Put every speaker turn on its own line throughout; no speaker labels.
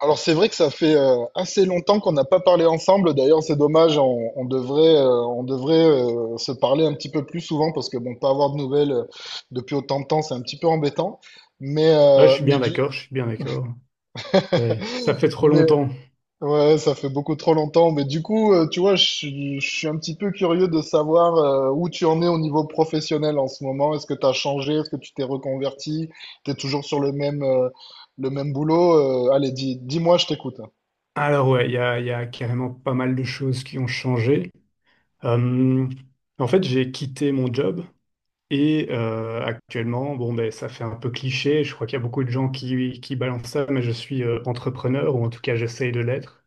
Alors c'est vrai que ça fait assez longtemps qu'on n'a pas parlé ensemble. D'ailleurs, c'est dommage, on devrait, se parler un petit peu plus souvent parce que bon, pas avoir de nouvelles depuis autant de temps, c'est un petit peu embêtant. Mais,
Ouais, je
euh,
suis
mais
bien
du,
d'accord, je suis bien d'accord. Ouais, ça fait trop
mais
longtemps.
ouais, ça fait beaucoup trop longtemps. Mais du coup, tu vois, je suis un petit peu curieux de savoir où tu en es au niveau professionnel en ce moment. Est-ce que tu as changé? Est-ce que tu t'es reconverti? T'es toujours sur le même boulot? Allez, dis-moi, je t'écoute.
Alors ouais, il y a carrément pas mal de choses qui ont changé. Euh, En fait, j'ai quitté mon job et actuellement, bon ben ça fait un peu cliché. Je crois qu'il y a beaucoup de gens qui balancent ça, mais je suis entrepreneur ou en tout cas j'essaye de l'être.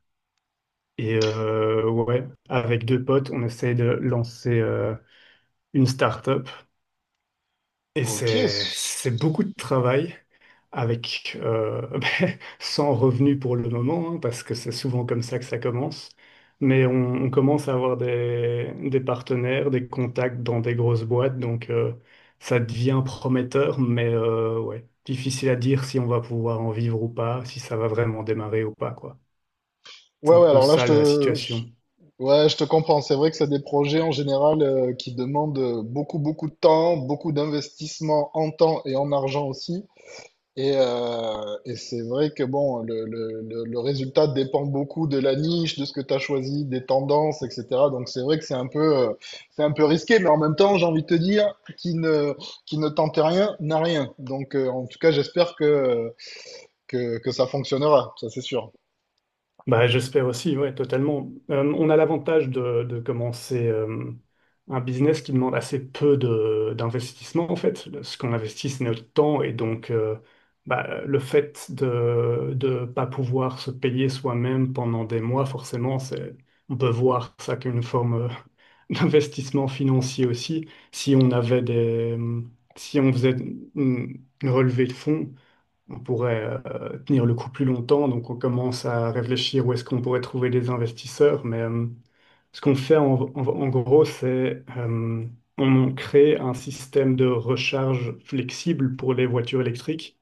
Et ouais, avec deux potes, on essaye de lancer une start-up et
Ok.
c'est beaucoup de travail. Avec ben, sans revenu pour le moment, hein, parce que c'est souvent comme ça que ça commence. Mais on commence à avoir des partenaires, des contacts dans des grosses boîtes, donc ça devient prometteur, mais ouais, difficile à dire si on va pouvoir en vivre ou pas, si ça va vraiment démarrer ou pas, quoi. C'est
Ouais,
un
ouais,
peu
alors là,
ça la situation.
ouais, je te comprends. C'est vrai que c'est des projets en général qui demandent beaucoup, beaucoup de temps, beaucoup d'investissement en temps et en argent aussi. Et c'est vrai que bon, le résultat dépend beaucoup de la niche, de ce que tu as choisi, des tendances, etc. Donc c'est vrai que euh, c'est un peu risqué, mais en même temps, j'ai envie de te dire, qui ne tente rien n'a rien. Donc, en tout cas, j'espère que ça fonctionnera, ça c'est sûr.
Bah, j'espère aussi, ouais, totalement. On a l'avantage de commencer un business qui demande assez peu de, d'investissement, en fait. Ce qu'on investit, c'est notre temps. Et donc, bah, le fait de ne pas pouvoir se payer soi-même pendant des mois, forcément, c'est, on peut voir ça comme une forme d'investissement financier aussi. Si on avait des, si on faisait une relevée de fonds, on pourrait tenir le coup plus longtemps. Donc, on commence à réfléchir où est-ce qu'on pourrait trouver des investisseurs. Mais ce qu'on fait en gros, c'est on crée un système de recharge flexible pour les voitures électriques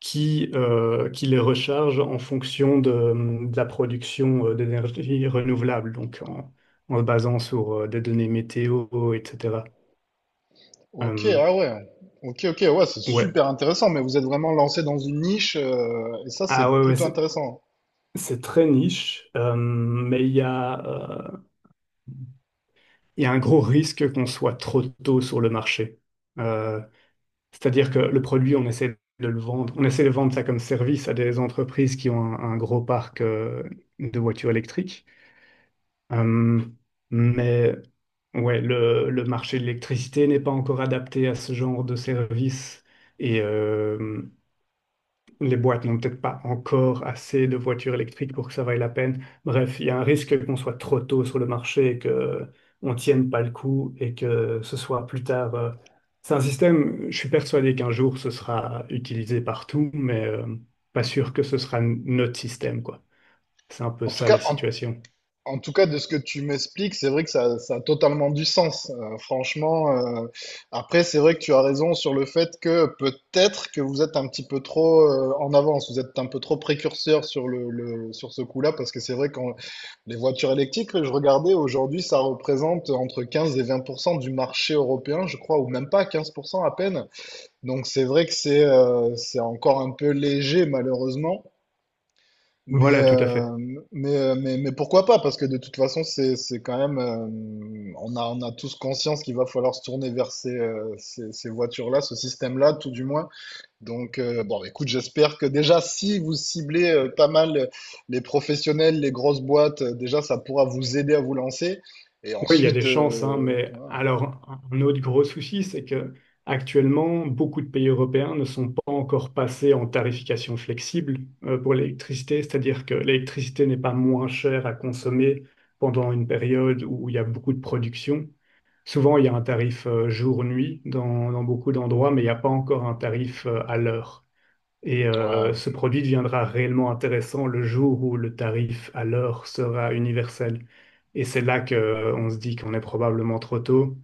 qui les recharge en fonction de la production d'énergie renouvelable, donc en se basant sur des données météo, etc.
Ok,
Euh,
ah ouais. Ok, ok, ouais, c'est
ouais.
super intéressant, mais vous êtes vraiment lancé dans une niche, et ça,
Ah
c'est
ouais, ouais,
plutôt intéressant.
c'est très niche, mais il y a un gros risque qu'on soit trop tôt sur le marché. Euh, C'est-à-dire que le produit, on essaie de le vendre, on essaie de vendre ça comme service à des entreprises qui ont un gros parc de voitures électriques. Euh, mais ouais, le marché de l'électricité n'est pas encore adapté à ce genre de service. Et, les boîtes n'ont peut-être pas encore assez de voitures électriques pour que ça vaille la peine. Bref, il y a un risque qu'on soit trop tôt sur le marché et que on tienne pas le coup et que ce soit plus tard. C'est un système, je suis persuadé qu'un jour ce sera utilisé partout, mais pas sûr que ce sera notre système, quoi. C'est un peu
En tout
ça
cas,
la
en,
situation.
en tout cas, de ce que tu m'expliques, c'est vrai que ça a totalement du sens. Franchement, après, c'est vrai que tu as raison sur le fait que peut-être que vous êtes un petit peu trop en avance, vous êtes un peu trop précurseur sur sur ce coup-là, parce que c'est vrai que les voitures électriques, je regardais aujourd'hui, ça représente entre 15 et 20% du marché européen, je crois, ou même pas 15% à peine. Donc c'est vrai que c'est encore un peu léger malheureusement, mais,
Voilà, tout à fait.
euh, mais pourquoi pas? Parce que de toute façon, c'est quand même, on a tous conscience qu'il va falloir se tourner vers ces voitures-là, ce système-là, tout du moins. Donc, bon, écoute, j'espère que déjà, si vous ciblez pas mal les professionnels, les grosses boîtes, déjà, ça pourra vous aider à vous lancer. Et
Oui, il y a des
ensuite,
chances, hein, mais alors un autre gros souci, c'est que actuellement, beaucoup de pays européens ne sont pas encore passés en tarification flexible pour l'électricité, c'est-à-dire que l'électricité n'est pas moins chère à consommer pendant une période où il y a beaucoup de production. Souvent, il y a un tarif jour-nuit dans beaucoup d'endroits, mais il n'y a pas encore un tarif à l'heure. Et
ouais.
ce produit deviendra réellement intéressant le jour où le tarif à l'heure sera universel. Et c'est là que on se dit qu'on est probablement trop tôt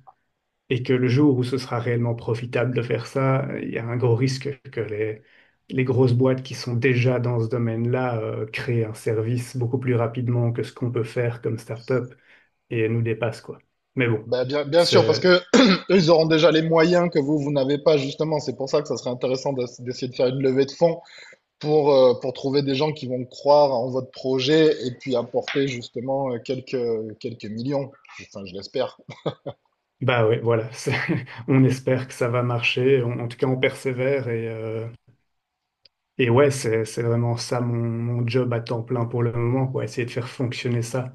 et que le jour où ce sera réellement profitable de faire ça, il y a un gros risque que les grosses boîtes qui sont déjà dans ce domaine-là créent un service beaucoup plus rapidement que ce qu'on peut faire comme start-up et nous dépassent, quoi. Mais bon,
Ben, bien sûr, parce
c'est...
que eux, ils auront déjà les moyens que vous, vous n'avez pas, justement. C'est pour ça que ça serait intéressant d'essayer de faire une levée de fonds pour trouver des gens qui vont croire en votre projet et puis apporter justement quelques, quelques millions. Enfin, je l'espère.
Bah ouais, voilà. On espère que ça va marcher. En en tout cas, on persévère et... Et ouais, c'est vraiment ça mon, mon job à temps plein pour le moment, quoi, essayer de faire fonctionner ça.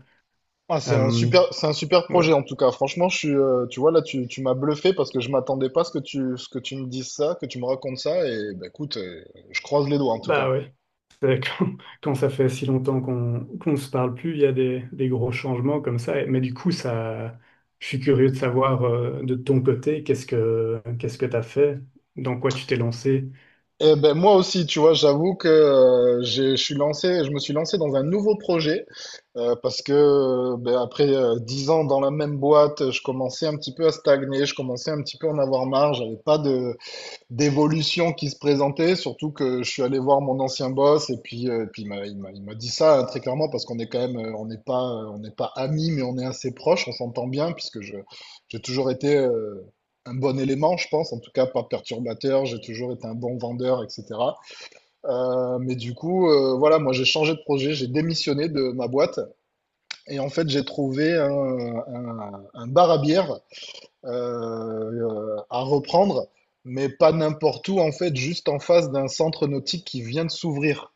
Ah,
Euh,
c'est un super
ouais,
projet en tout cas. Franchement, tu vois, là, tu m'as bluffé parce que je m'attendais pas à ce que ce que tu me dises ça, que tu me racontes ça. Et ben, écoute, je croise les doigts en tout
bah
cas.
ouais. C'est Quand, quand ça fait si longtemps qu'on ne se parle plus, il y a des gros changements comme ça. Mais du coup, ça, je suis curieux de savoir de ton côté, qu'est-ce que t'as fait, dans quoi tu t'es lancé.
Eh ben moi aussi, tu vois, j'avoue que je me suis lancé dans un nouveau projet parce que ben, après 10 ans dans la même boîte, je commençais un petit peu à stagner, je commençais un petit peu à en avoir marre, j'avais pas d'évolution qui se présentait, surtout que je suis allé voir mon ancien boss et puis, puis il m'a dit ça hein, très clairement parce qu'on est quand même, on n'est pas amis, mais on est assez proches, on s'entend bien puisque j'ai toujours été un bon élément, je pense, en tout cas pas perturbateur, j'ai toujours été un bon vendeur, etc. Mais du coup, voilà, moi j'ai changé de projet, j'ai démissionné de ma boîte et en fait j'ai trouvé un bar à bière à reprendre, mais pas n'importe où, en fait, juste en face d'un centre nautique qui vient de s'ouvrir,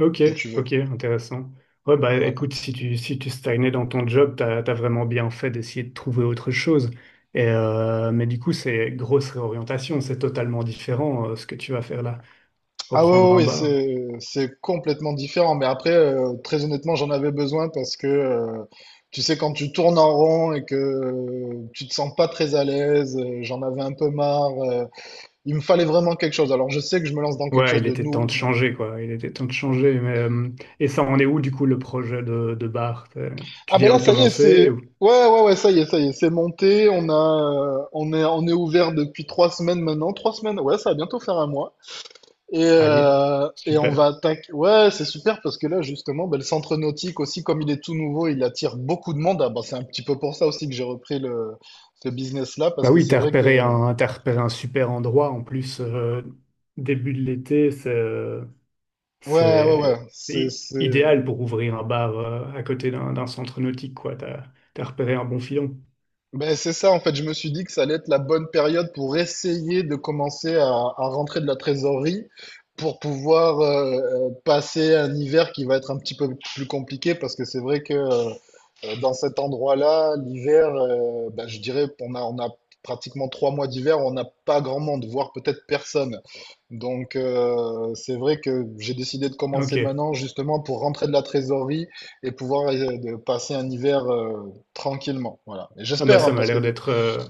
Ok,
si tu veux.
ok, intéressant. Ouais, bah
Voilà.
écoute, si tu, si tu stagnais dans ton job, t'as, t'as vraiment bien fait d'essayer de trouver autre chose. Et, mais du coup, c'est grosse réorientation, c'est totalement différent ce que tu vas faire là.
Ah ouais, ouais,
Reprendre un
ouais,
bar.
c'est complètement différent. Mais après, très honnêtement, j'en avais besoin parce que, tu sais, quand tu tournes en rond et que tu te sens pas très à l'aise, j'en avais un peu marre. Il me fallait vraiment quelque chose. Alors, je sais que je me lance dans quelque
Ouais,
chose
il
de
était temps
nou-
de changer, quoi. Il était temps de changer. Mais, et ça, on est où du coup le projet de bar?
Ah
Tu
ben
viens
là,
de
ça y est,
commencer
c'est...
ou...
Ouais, ouais, ouais, ça y est, c'est monté. On est ouvert depuis 3 semaines maintenant. 3 semaines, ouais, ça va bientôt faire un mois. Et,
Allier.
euh, et on va
Super.
attaquer. Ouais, c'est super parce que là, justement, ben, le centre nautique aussi, comme il est tout nouveau, il attire beaucoup de monde. Ah ben, c'est un petit peu pour ça aussi que j'ai repris ce business-là
Bah
parce que
oui,
c'est vrai que.
t'as repéré un super endroit en plus. Début de l'été, c'est...
Ouais, ouais,
C'est
ouais, c'est, c'est...
idéal pour ouvrir un bar à côté d'un centre nautique, quoi. T'as, t'as repéré un bon filon.
Ben, c'est ça, en fait, je me suis dit que ça allait être la bonne période pour essayer de commencer à rentrer de la trésorerie pour pouvoir passer un hiver qui va être un petit peu plus compliqué parce que c'est vrai que dans cet endroit-là, l'hiver, ben, je dirais on a pratiquement 3 mois d'hiver, on n'a pas grand monde, voire peut-être personne. Donc, c'est vrai que j'ai décidé de commencer
Ok.
maintenant justement pour rentrer de la trésorerie et pouvoir de passer un hiver tranquillement, voilà. Et
Ah bah
j'espère, hein,
ça m'a
parce que
l'air
de-
d'être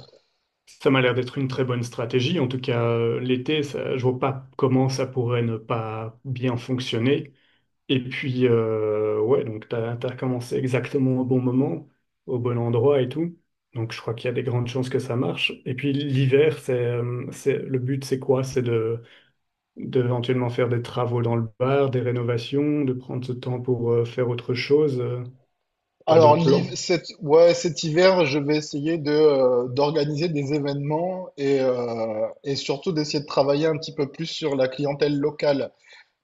ça m'a l'air d'être une très bonne stratégie. En tout cas, l'été, je vois pas comment ça pourrait ne pas bien fonctionner. Et puis, ouais, donc t'as, t'as commencé exactement au bon moment, au bon endroit et tout. Donc, je crois qu'il y a des grandes chances que ça marche. Et puis, l'hiver, c'est, le but, c'est quoi? C'est de éventuellement faire des travaux dans le bar, des rénovations, de prendre ce temps pour faire autre chose. T'as
alors
d'autres
l'hiv-
plans?
cet... ouais, cet hiver, je vais essayer de d'organiser des événements et surtout d'essayer de travailler un petit peu plus sur la clientèle locale.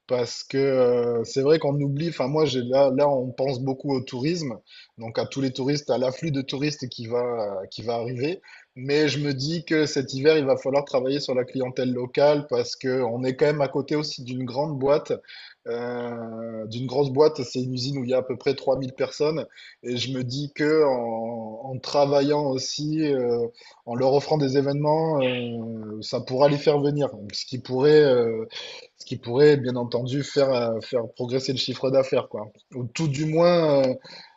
Parce que c'est vrai qu'on oublie, enfin moi là on pense beaucoup au tourisme, donc à tous les touristes, à l'afflux de touristes qui va arriver. Mais je me dis que cet hiver, il va falloir travailler sur la clientèle locale parce que on est quand même à côté aussi d'une grande boîte, d'une grosse boîte, c'est une usine où il y a à peu près 3 000 personnes. Et je me dis que en travaillant aussi, en leur offrant des événements, ça pourra les faire venir. Ce qui pourrait, bien entendu, faire progresser le chiffre d'affaires, quoi. Ou tout du moins,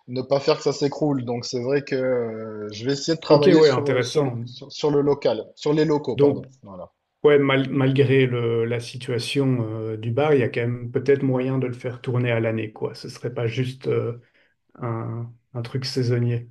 ne pas faire que ça s'écroule. Donc, c'est vrai que je vais essayer de
Ok,
travailler
ouais, intéressant.
sur le local, sur les locaux, pardon.
Donc,
Voilà.
ouais, malgré le, la situation du bar, il y a quand même peut-être moyen de le faire tourner à l'année, quoi. Ce serait pas juste un truc saisonnier.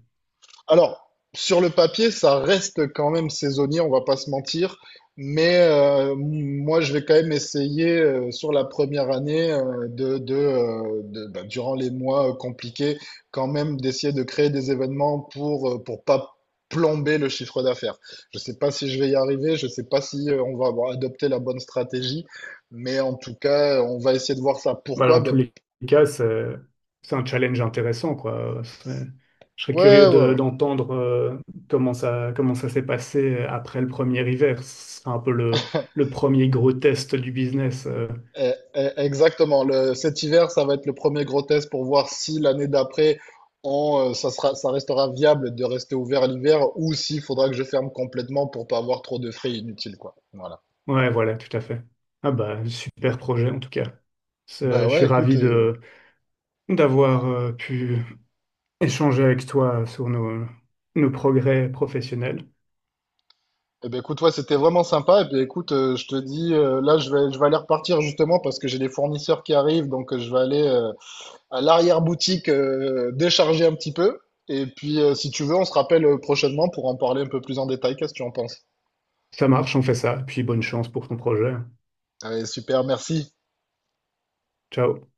Alors, sur le papier, ça reste quand même saisonnier, on va pas se mentir. Moi, je vais quand même essayer sur la première année bah, durant les mois compliqués, quand même d'essayer de créer des événements pour pas plomber le chiffre d'affaires. Je sais pas si je vais y arriver, je sais pas si on va avoir adopté la bonne stratégie, mais en tout cas, on va essayer de voir ça.
Bah,
Pourquoi?
dans tous
Ben,
les cas, c'est un challenge intéressant, quoi. Je serais curieux
ouais, ouais. Ouais.
d'entendre comment ça s'est passé après le premier hiver. Ce sera un peu le premier gros test du business.
Exactement. Cet hiver, ça va être le premier gros test pour voir si l'année d'après, ça restera viable de rester ouvert l'hiver ou s'il faudra que je ferme complètement pour pas avoir trop de frais inutiles, quoi. Voilà.
Ouais, voilà, tout à fait. Ah bah, super projet en tout cas.
Bah
Je suis
ouais, écoute,
ravi de d'avoir pu échanger avec toi sur nos, nos progrès professionnels.
ouais, c'était vraiment sympa. Et puis écoute, je te dis, là, je vais aller repartir justement parce que j'ai des fournisseurs qui arrivent, donc, je vais aller à l'arrière-boutique décharger un petit peu. Et puis, si tu veux, on se rappelle prochainement pour en parler un peu plus en détail. Qu'est-ce que tu en penses?
Ça marche, on fait ça. Puis bonne chance pour ton projet.
Allez, super, merci.
Ciao.